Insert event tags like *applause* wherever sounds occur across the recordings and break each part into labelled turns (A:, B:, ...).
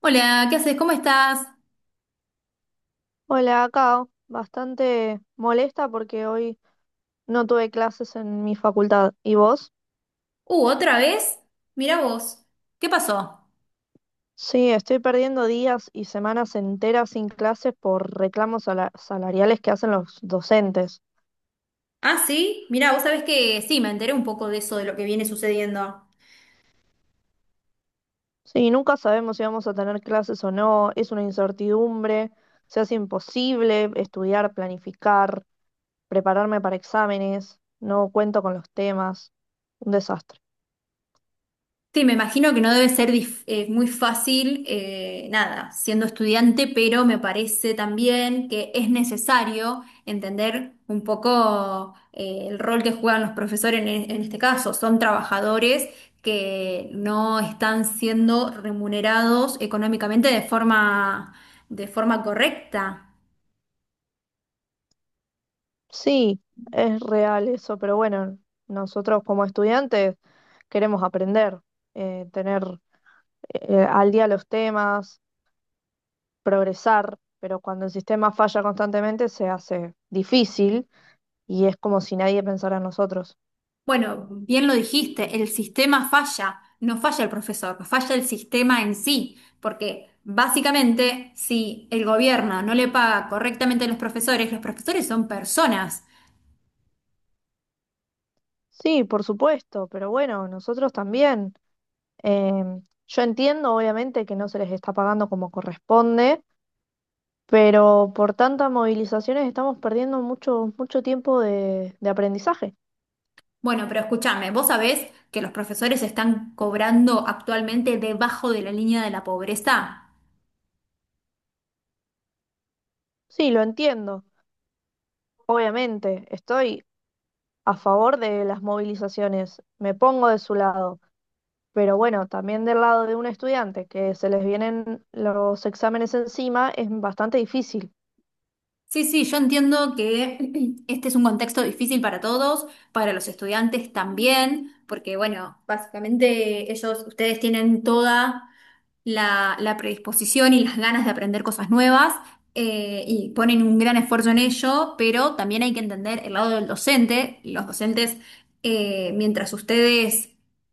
A: Hola, ¿qué haces? ¿Cómo estás?
B: Hola, acá bastante molesta porque hoy no tuve clases en mi facultad. ¿Y vos?
A: ¿Otra vez? Mirá vos. ¿Qué pasó?
B: Sí, estoy perdiendo días y semanas enteras sin clases por reclamos salariales que hacen los docentes.
A: Ah, sí, mirá, vos sabés que sí, me enteré un poco de eso, de lo que viene sucediendo.
B: Sí, nunca sabemos si vamos a tener clases o no, es una incertidumbre, se hace imposible estudiar, planificar, prepararme para exámenes, no cuento con los temas, un desastre.
A: Sí, me imagino que no debe ser muy fácil, nada, siendo estudiante, pero me parece también que es necesario entender un poco el rol que juegan los profesores en, en este caso. Son trabajadores que no están siendo remunerados económicamente de forma correcta.
B: Sí, es real eso, pero bueno, nosotros como estudiantes queremos aprender, tener al día los temas, progresar, pero cuando el sistema falla constantemente se hace difícil y es como si nadie pensara en nosotros.
A: Bueno, bien lo dijiste, el sistema falla, no falla el profesor, falla el sistema en sí, porque básicamente si el gobierno no le paga correctamente a los profesores son personas.
B: Sí, por supuesto, pero bueno, nosotros también. Yo entiendo obviamente que no se les está pagando como corresponde, pero por tantas movilizaciones estamos perdiendo mucho, mucho tiempo de aprendizaje.
A: Bueno, pero escúchame, vos sabés que los profesores están cobrando actualmente debajo de la línea de la pobreza.
B: Sí, lo entiendo. Obviamente, estoy a favor de las movilizaciones, me pongo de su lado, pero bueno, también del lado de un estudiante que se les vienen los exámenes encima es bastante difícil.
A: Sí, sí, yo entiendo que *clears throat* este es un contexto difícil para todos, para los estudiantes también, porque bueno, básicamente ellos, ustedes tienen toda la, la predisposición y las ganas de aprender cosas nuevas, y ponen un gran esfuerzo en ello, pero también hay que entender el lado del docente. Los docentes, mientras ustedes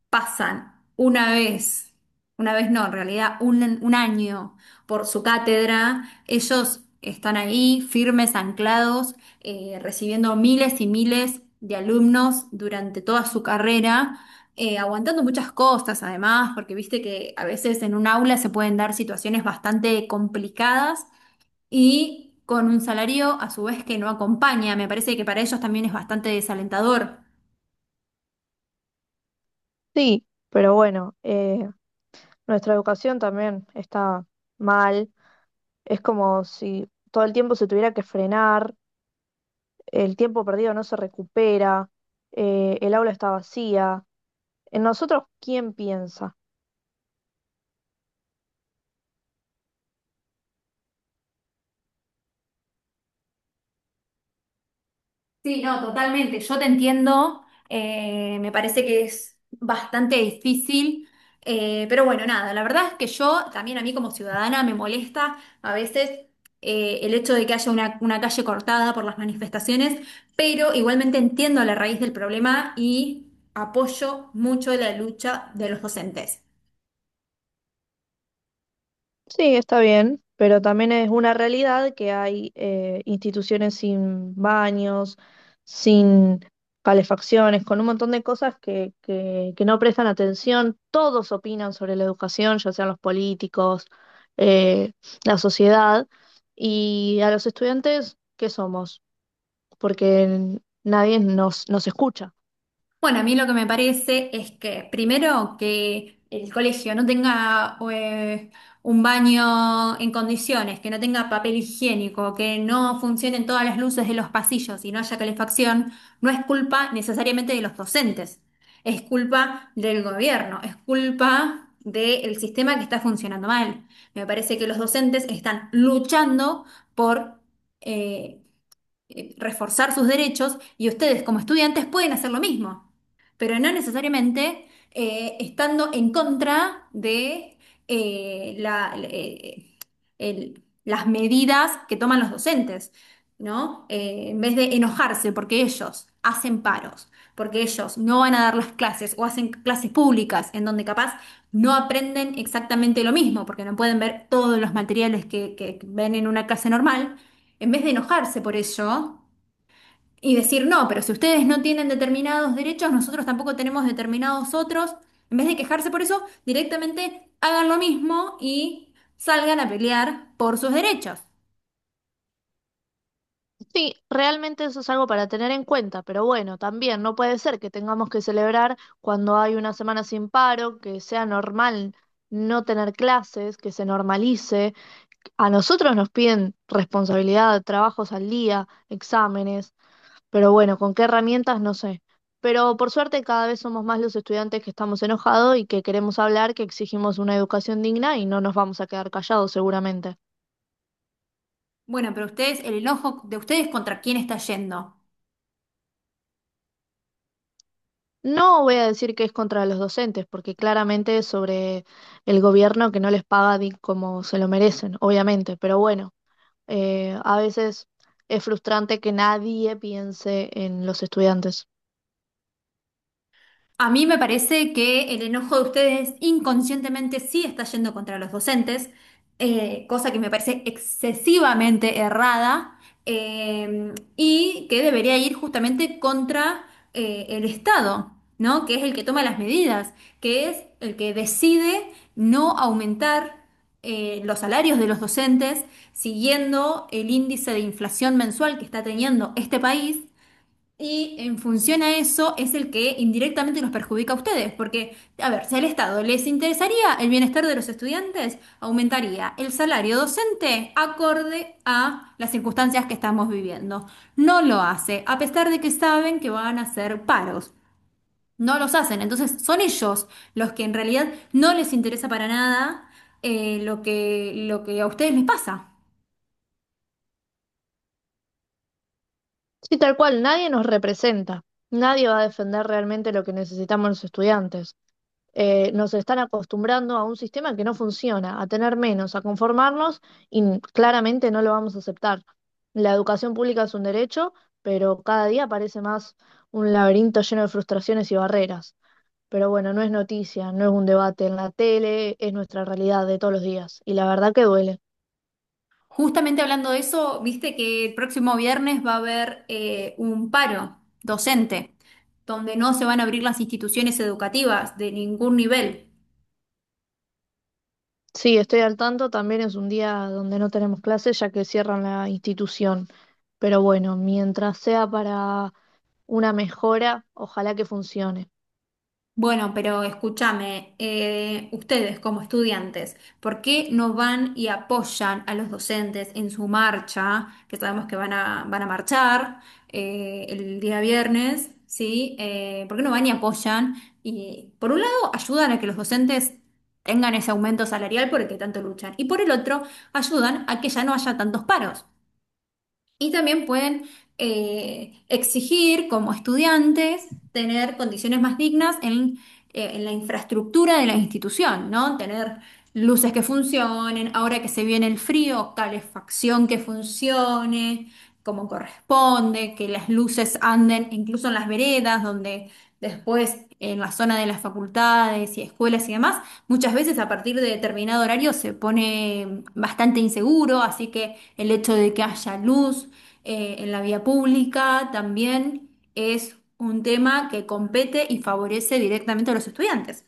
A: pasan una vez no, en realidad un año por su cátedra, ellos están ahí firmes, anclados, recibiendo miles y miles de alumnos durante toda su carrera, aguantando muchas cosas además, porque viste que a veces en un aula se pueden dar situaciones bastante complicadas y con un salario a su vez que no acompaña. Me parece que para ellos también es bastante desalentador.
B: Sí, pero bueno, nuestra educación también está mal. Es como si todo el tiempo se tuviera que frenar, el tiempo perdido no se recupera, el aula está vacía. En nosotros, ¿quién piensa?
A: Sí, no, totalmente. Yo te entiendo. Me parece que es bastante difícil. Pero bueno, nada, la verdad es que yo también a mí como ciudadana me molesta a veces, el hecho de que haya una calle cortada por las manifestaciones, pero igualmente entiendo la raíz del problema y apoyo mucho la lucha de los docentes.
B: Sí, está bien, pero también es una realidad que hay instituciones sin baños, sin calefacciones, con un montón de cosas que no prestan atención. Todos opinan sobre la educación, ya sean los políticos, eh, la sociedad, y a los estudiantes, ¿qué somos? Porque nadie nos, nos escucha.
A: Bueno, a mí lo que me parece es que primero que el colegio no tenga, un baño en condiciones, que no tenga papel higiénico, que no funcionen todas las luces de los pasillos y no haya calefacción, no es culpa necesariamente de los docentes, es culpa del gobierno, es culpa del sistema que está funcionando mal. Me parece que los docentes están luchando por eh, reforzar sus derechos y ustedes como estudiantes pueden hacer lo mismo, pero no necesariamente, estando en contra de, eh, la- eh, las medidas que toman los docentes, ¿no? En vez de enojarse porque ellos hacen paros, porque ellos no van a dar las clases o hacen clases públicas en donde capaz no aprenden exactamente lo mismo, porque no pueden ver todos los materiales que ven en una clase normal, en vez de enojarse por ello y decir, no, pero si ustedes no tienen determinados derechos, nosotros tampoco tenemos determinados otros, en vez de quejarse por eso, directamente hagan lo mismo y salgan a pelear por sus derechos.
B: Sí, realmente eso es algo para tener en cuenta, pero bueno, también no puede ser que tengamos que celebrar cuando hay una semana sin paro, que sea normal no tener clases, que se normalice. A nosotros nos piden responsabilidad, trabajos al día, exámenes, pero bueno, ¿con qué herramientas? No sé. Pero por suerte cada vez somos más los estudiantes que estamos enojados y que queremos hablar, que exigimos una educación digna y no nos vamos a quedar callados seguramente.
A: Bueno, pero ustedes, ¿el enojo de ustedes contra quién está yendo?
B: No voy a decir que es contra los docentes, porque claramente es sobre el gobierno que no les paga como se lo merecen, obviamente, pero bueno, a veces es frustrante que nadie piense en los estudiantes.
A: A mí me parece que el enojo de ustedes inconscientemente sí está yendo contra los docentes, cosa que me parece excesivamente errada, y que debería ir justamente contra, el Estado, ¿no? Que es el que toma las medidas, que es el que decide no aumentar, los salarios de los docentes siguiendo el índice de inflación mensual que está teniendo este país, y en función a eso es el que indirectamente los perjudica a ustedes, porque, a ver, si al Estado les interesaría el bienestar de los estudiantes, aumentaría el salario docente acorde a las circunstancias que estamos viviendo. No lo hace, a pesar de que saben que van a hacer paros. No los hacen, entonces son ellos los que en realidad no les interesa para nada, lo que, lo que a ustedes les pasa.
B: Sí, tal cual, nadie nos representa, nadie va a defender realmente lo que necesitamos los estudiantes. Nos están acostumbrando a un sistema que no funciona, a tener menos, a conformarnos y claramente no lo vamos a aceptar. La educación pública es un derecho, pero cada día parece más un laberinto lleno de frustraciones y barreras. Pero bueno, no es noticia, no es un debate en la tele, es nuestra realidad de todos los días y la verdad que duele.
A: Justamente hablando de eso, viste que el próximo viernes va a haber, un paro docente, donde no se van a abrir las instituciones educativas de ningún nivel.
B: Sí, estoy al tanto, también es un día donde no tenemos clases ya que cierran la institución. Pero bueno, mientras sea para una mejora, ojalá que funcione.
A: Bueno, pero escúchame, ustedes como estudiantes, ¿por qué no van y apoyan a los docentes en su marcha, que sabemos que van a, van a marchar, el día viernes, ¿sí? ¿Por qué no van y apoyan? Y por un lado, ayudan a que los docentes tengan ese aumento salarial por el que tanto luchan, y por el otro, ayudan a que ya no haya tantos paros. Y también pueden, exigir como estudiantes tener condiciones más dignas en la infraestructura de la institución, ¿no? Tener luces que funcionen, ahora que se viene el frío, calefacción que funcione como corresponde, que las luces anden incluso en las veredas donde. Después, en la zona de las facultades y escuelas y demás, muchas veces a partir de determinado horario se pone bastante inseguro, así que el hecho de que haya luz, en la vía pública también es un tema que compete y favorece directamente a los estudiantes.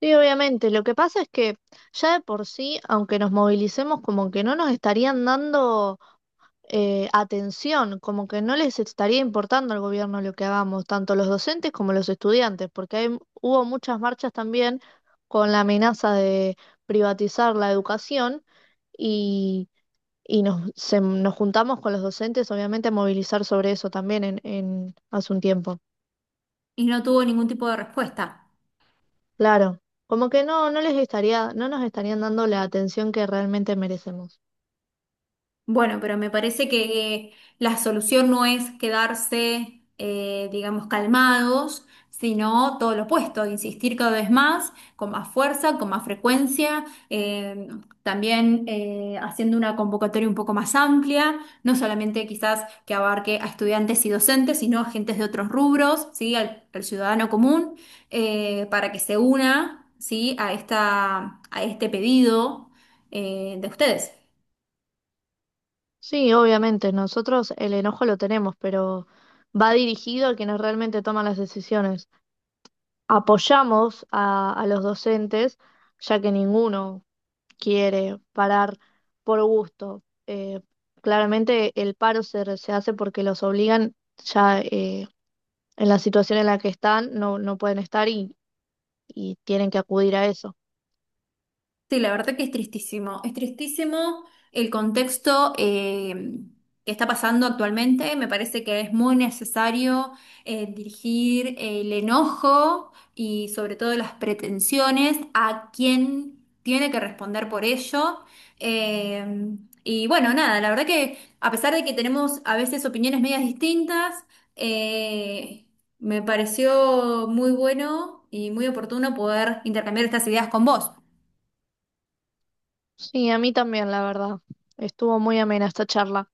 B: Sí, obviamente. Lo que pasa es que ya de por sí, aunque nos movilicemos, como que no nos estarían dando atención, como que no les estaría importando al gobierno lo que hagamos, tanto los docentes como los estudiantes, porque hubo muchas marchas también con la amenaza de privatizar la educación y, y nos juntamos con los docentes, obviamente, a movilizar sobre eso también hace un tiempo.
A: Y no tuvo ningún tipo de respuesta.
B: Claro, como que no les estaría, no nos estarían dando la atención que realmente merecemos.
A: Bueno, pero me parece que, la solución no es quedarse, digamos, calmados, sino todo lo opuesto, insistir cada vez más, con más fuerza, con más frecuencia, también, haciendo una convocatoria un poco más amplia, no solamente quizás que abarque a estudiantes y docentes, sino a agentes de otros rubros, ¿sí? Al, al ciudadano común, para que se una, ¿sí?, a esta, a este pedido, de ustedes.
B: Sí, obviamente, nosotros el enojo lo tenemos, pero va dirigido a quienes realmente toman las decisiones. Apoyamos a los docentes, ya que ninguno quiere parar por gusto. Claramente el paro se hace porque los obligan ya, en la situación en la que están, no, no pueden estar y tienen que acudir a eso.
A: Sí, la verdad que es tristísimo. Es tristísimo el contexto, que está pasando actualmente. Me parece que es muy necesario, dirigir el enojo y sobre todo las pretensiones a quien tiene que responder por ello. Eh, y bueno, nada, la verdad que a pesar de que tenemos a veces opiniones medias distintas, eh, me pareció muy bueno y muy oportuno poder intercambiar estas ideas con vos.
B: Sí, a mí también, la verdad. Estuvo muy amena esta charla.